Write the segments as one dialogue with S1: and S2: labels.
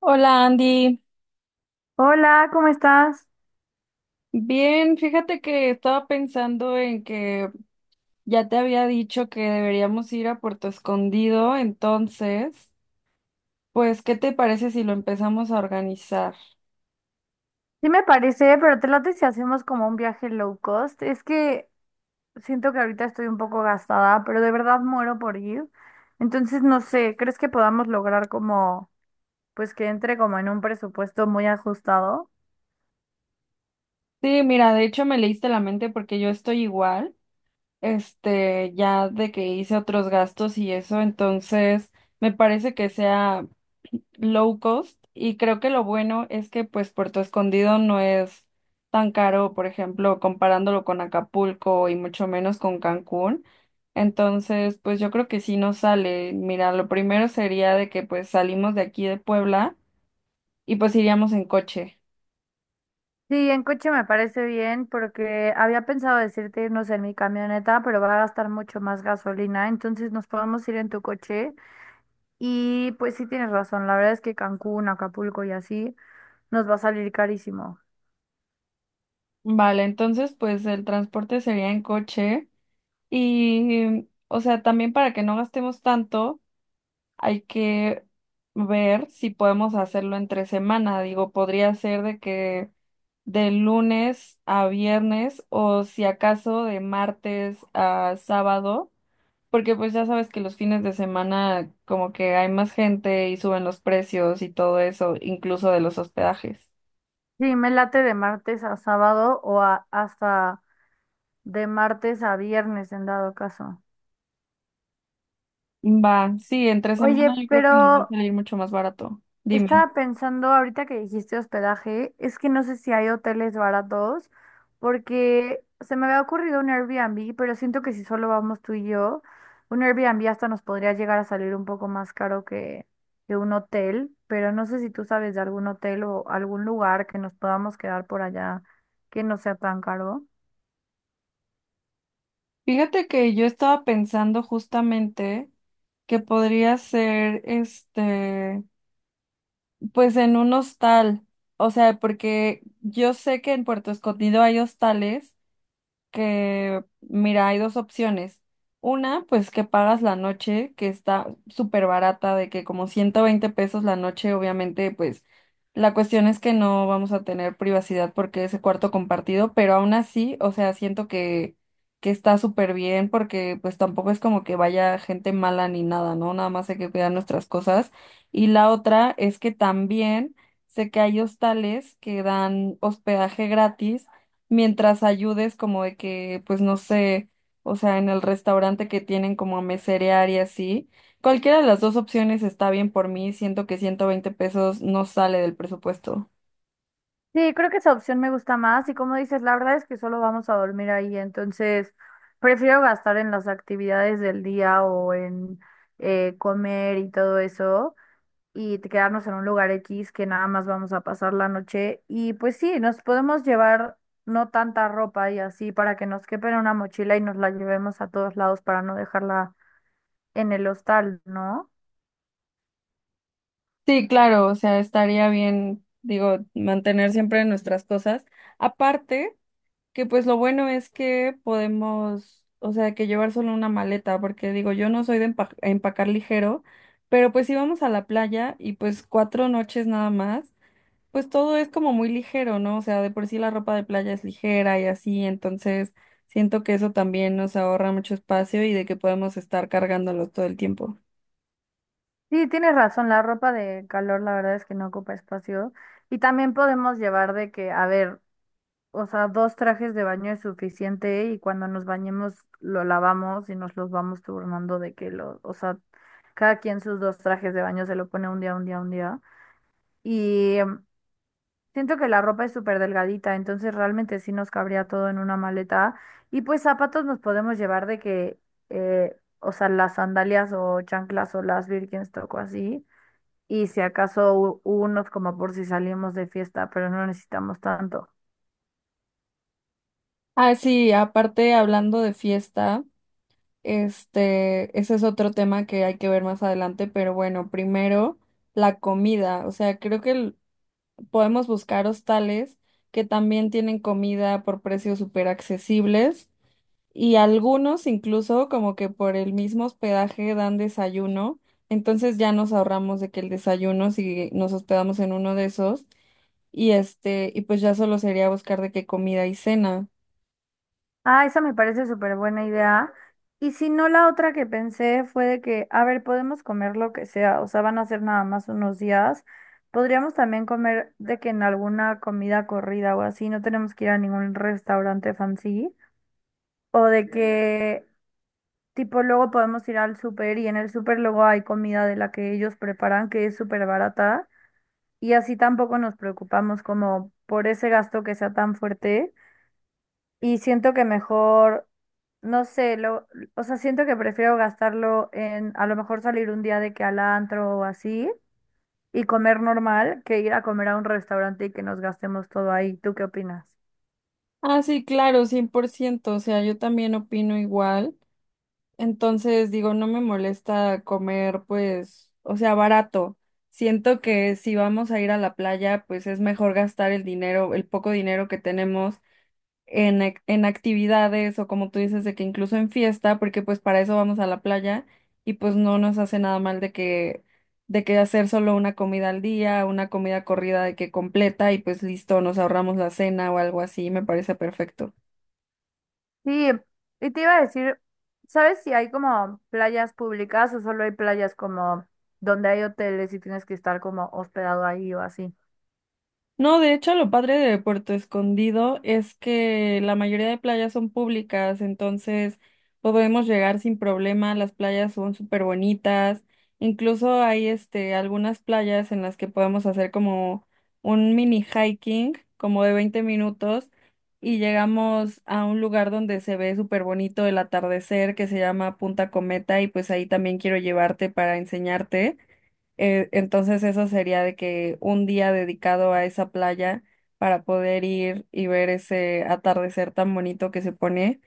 S1: Hola Andy,
S2: Hola, ¿cómo estás?
S1: bien, fíjate que estaba pensando en que ya te había dicho que deberíamos ir a Puerto Escondido, entonces, pues, ¿qué te parece si lo empezamos a organizar?
S2: Sí me parece, pero te late si hacemos como un viaje low cost. Es que siento que ahorita estoy un poco gastada, pero de verdad muero por ir. Entonces, no sé, ¿crees que podamos lograr como, pues que entre como en un presupuesto muy ajustado?
S1: Sí, mira, de hecho me leíste la mente porque yo estoy igual. Ya de que hice otros gastos y eso, entonces me parece que sea low cost y creo que lo bueno es que pues Puerto Escondido no es tan caro, por ejemplo, comparándolo con Acapulco y mucho menos con Cancún. Entonces, pues yo creo que sí nos sale. Mira, lo primero sería de que pues salimos de aquí de Puebla y pues iríamos en coche.
S2: Sí, en coche me parece bien porque había pensado decirte irnos en mi camioneta, pero va a gastar mucho más gasolina, entonces nos podemos ir en tu coche y pues sí tienes razón, la verdad es que Cancún, Acapulco y así nos va a salir carísimo.
S1: Vale, entonces pues el transporte sería en coche. Y, o sea, también para que no gastemos tanto, hay que ver si podemos hacerlo entre semana. Digo, podría ser de que de lunes a viernes o si acaso de martes a sábado, porque pues ya sabes que los fines de semana como que hay más gente y suben los precios y todo eso, incluso de los hospedajes.
S2: Sí, me late de martes a sábado o hasta de martes a viernes en dado caso.
S1: Va, sí, entre
S2: Oye,
S1: semana yo creo que nos va a
S2: pero
S1: salir mucho más barato. Dime.
S2: estaba pensando ahorita que dijiste hospedaje, es que no sé si hay hoteles baratos, porque se me había ocurrido un Airbnb, pero siento que si solo vamos tú y yo, un Airbnb hasta nos podría llegar a salir un poco más caro que un hotel, pero no sé si tú sabes de algún hotel o algún lugar que nos podamos quedar por allá que no sea tan caro.
S1: Fíjate que yo estaba pensando justamente que podría ser pues en un hostal, o sea, porque yo sé que en Puerto Escondido hay hostales que, mira, hay dos opciones. Una, pues que pagas la noche, que está súper barata, de que como 120 pesos la noche, obviamente, pues la cuestión es que no vamos a tener privacidad porque es el cuarto compartido, pero aún así, o sea, siento que está súper bien porque pues tampoco es como que vaya gente mala ni nada, ¿no? Nada más hay que cuidar nuestras cosas. Y la otra es que también sé que hay hostales que dan hospedaje gratis mientras ayudes como de que, pues no sé, o sea, en el restaurante que tienen como a meserear y así. Cualquiera de las dos opciones está bien por mí, siento que 120 pesos no sale del presupuesto.
S2: Sí, creo que esa opción me gusta más y como dices, la verdad es que solo vamos a dormir ahí, entonces prefiero gastar en las actividades del día o en comer y todo eso y quedarnos en un lugar X que nada más vamos a pasar la noche y pues sí, nos podemos llevar no tanta ropa y así para que nos quepa en una mochila y nos la llevemos a todos lados para no dejarla en el hostal, ¿no?
S1: Sí, claro, o sea, estaría bien, digo, mantener siempre nuestras cosas. Aparte, que pues lo bueno es que podemos, o sea, que llevar solo una maleta, porque digo, yo no soy de empacar ligero, pero pues íbamos a la playa y pues 4 noches nada más. Pues todo es como muy ligero, ¿no? O sea, de por sí la ropa de playa es ligera y así, entonces siento que eso también nos ahorra mucho espacio y de que podemos estar cargándolos todo el tiempo.
S2: Sí, tienes razón, la ropa de calor la verdad es que no ocupa espacio. Y también podemos llevar de que, a ver, o sea, dos trajes de baño es suficiente y cuando nos bañemos lo lavamos y nos los vamos turnando de que lo, o sea, cada quien sus dos trajes de baño se lo pone un día, un día, un día. Y siento que la ropa es súper delgadita, entonces realmente sí nos cabría todo en una maleta. Y pues zapatos nos podemos llevar de que, o sea, las sandalias o chanclas o las Birkenstock o así. Y si acaso unos como por si salimos de fiesta, pero no necesitamos tanto.
S1: Ah, sí, aparte hablando de fiesta, ese es otro tema que hay que ver más adelante, pero bueno, primero la comida, o sea, creo que podemos buscar hostales que también tienen comida por precios súper accesibles. Y algunos incluso como que por el mismo hospedaje dan desayuno, entonces ya nos ahorramos de que el desayuno si nos hospedamos en uno de esos y este y pues ya solo sería buscar de qué comida y cena.
S2: Ah, esa me parece súper buena idea. Y si no, la otra que pensé fue de que, a ver, podemos comer lo que sea, o sea, van a ser nada más unos días. Podríamos también comer de que en alguna comida corrida o así, no tenemos que ir a ningún restaurante fancy. O de que, tipo, luego podemos ir al súper y en el súper luego hay comida de la que ellos preparan que es súper barata. Y así tampoco nos preocupamos como por ese gasto que sea tan fuerte. Y siento que mejor, no sé, lo, o sea, siento que prefiero gastarlo en a lo mejor salir un día de que al antro o así y comer normal que ir a comer a un restaurante y que nos gastemos todo ahí. ¿Tú qué opinas?
S1: Ah, sí, claro, 100%, o sea, yo también opino igual. Entonces digo, no me molesta comer pues, o sea, barato. Siento que si vamos a ir a la playa, pues es mejor gastar el dinero, el poco dinero que tenemos en, en actividades o como tú dices, de que incluso en fiesta, porque pues para eso vamos a la playa y pues no nos hace nada mal de que hacer solo una comida al día, una comida corrida de que completa y pues listo, nos ahorramos la cena o algo así, me parece perfecto.
S2: Sí, y te iba a decir, ¿sabes si hay como playas públicas o solo hay playas como donde hay hoteles y tienes que estar como hospedado ahí o así?
S1: No, de hecho, lo padre de Puerto Escondido es que la mayoría de playas son públicas, entonces podemos llegar sin problema, las playas son súper bonitas, incluso hay algunas playas en las que podemos hacer como un mini hiking, como de 20 minutos, y llegamos a un lugar donde se ve súper bonito el atardecer que se llama Punta Cometa y pues ahí también quiero llevarte para enseñarte. Entonces eso sería de que un día dedicado a esa playa para poder ir y ver ese atardecer tan bonito que se pone.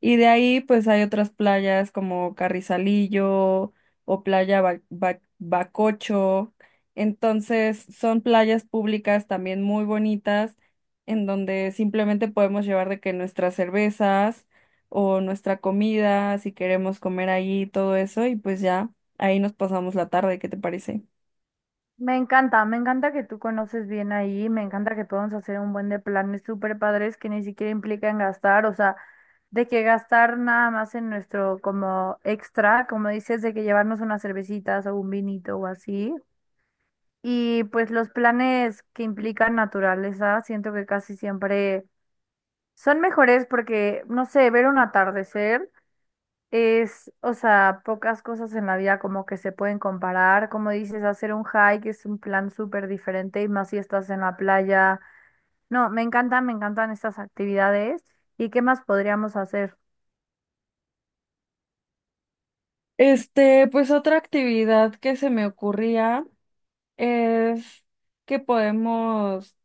S1: Y de ahí pues hay otras playas como Carrizalillo o Playa Bacocho. Entonces son playas públicas también muy bonitas en donde simplemente podemos llevar de que nuestras cervezas o nuestra comida, si queremos comer ahí, todo eso y pues ya. Ahí nos pasamos la tarde, ¿qué te parece?
S2: Me encanta que tú conoces bien ahí, me encanta que podamos hacer un buen de planes súper padres que ni siquiera implican gastar, o sea, de que gastar nada más en nuestro como extra, como dices, de que llevarnos unas cervecitas o un vinito o así. Y pues los planes que implican naturaleza, siento que casi siempre son mejores porque, no sé, ver un atardecer. Es, o sea, pocas cosas en la vida como que se pueden comparar. Como dices, hacer un hike es un plan súper diferente y más si estás en la playa. No, me encantan estas actividades. ¿Y qué más podríamos hacer?
S1: Pues otra actividad que se me ocurría es que podemos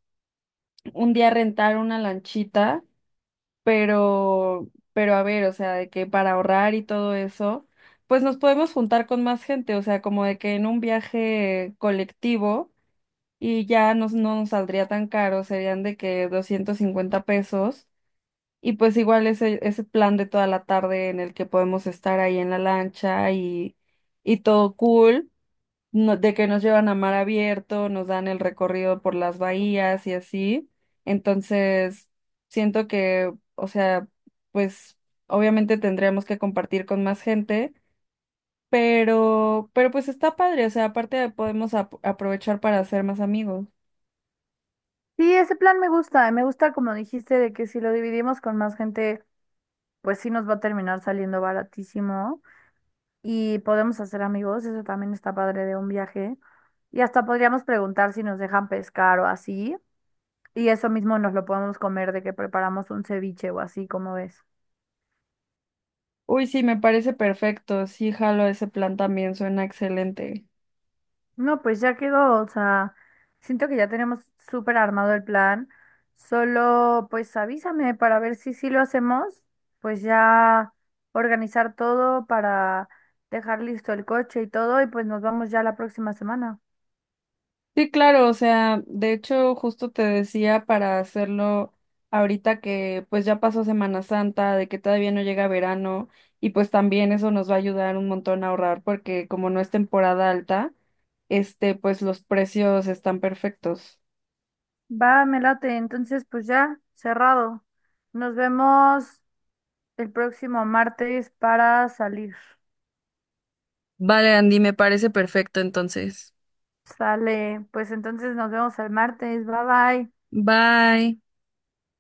S1: un día rentar una lanchita, pero a ver, o sea, de que para ahorrar y todo eso, pues nos podemos juntar con más gente, o sea, como de que en un viaje colectivo y ya nos, no nos saldría tan caro, serían de que 250 pesos. Y pues igual ese plan de toda la tarde en el que podemos estar ahí en la lancha y todo cool, de que nos llevan a mar abierto, nos dan el recorrido por las bahías y así. Entonces, siento que, o sea, pues obviamente tendríamos que compartir con más gente, pero pues está padre, o sea, aparte podemos aprovechar para hacer más amigos.
S2: Sí, ese plan me gusta. Me gusta, como dijiste, de que si lo dividimos con más gente, pues sí nos va a terminar saliendo baratísimo y podemos hacer amigos. Eso también está padre de un viaje. Y hasta podríamos preguntar si nos dejan pescar o así. Y eso mismo nos lo podemos comer de que preparamos un ceviche o así, como ves?
S1: Uy, sí, me parece perfecto, sí, jalo ese plan también, suena excelente.
S2: No, pues ya quedó, o sea, siento que ya tenemos súper armado el plan. Solo, pues avísame para ver si sí lo hacemos, pues ya organizar todo para dejar listo el coche y todo, y pues nos vamos ya la próxima semana.
S1: Sí, claro, o sea, de hecho justo te decía para hacerlo ahorita que pues ya pasó Semana Santa, de que todavía no llega verano y pues también eso nos va a ayudar un montón a ahorrar porque como no es temporada alta, este pues los precios están perfectos.
S2: Va, me late, entonces pues ya, cerrado. Nos vemos el próximo martes para salir.
S1: Vale, Andy, me parece perfecto entonces.
S2: Sale, pues entonces nos vemos el martes. Bye bye.
S1: Bye.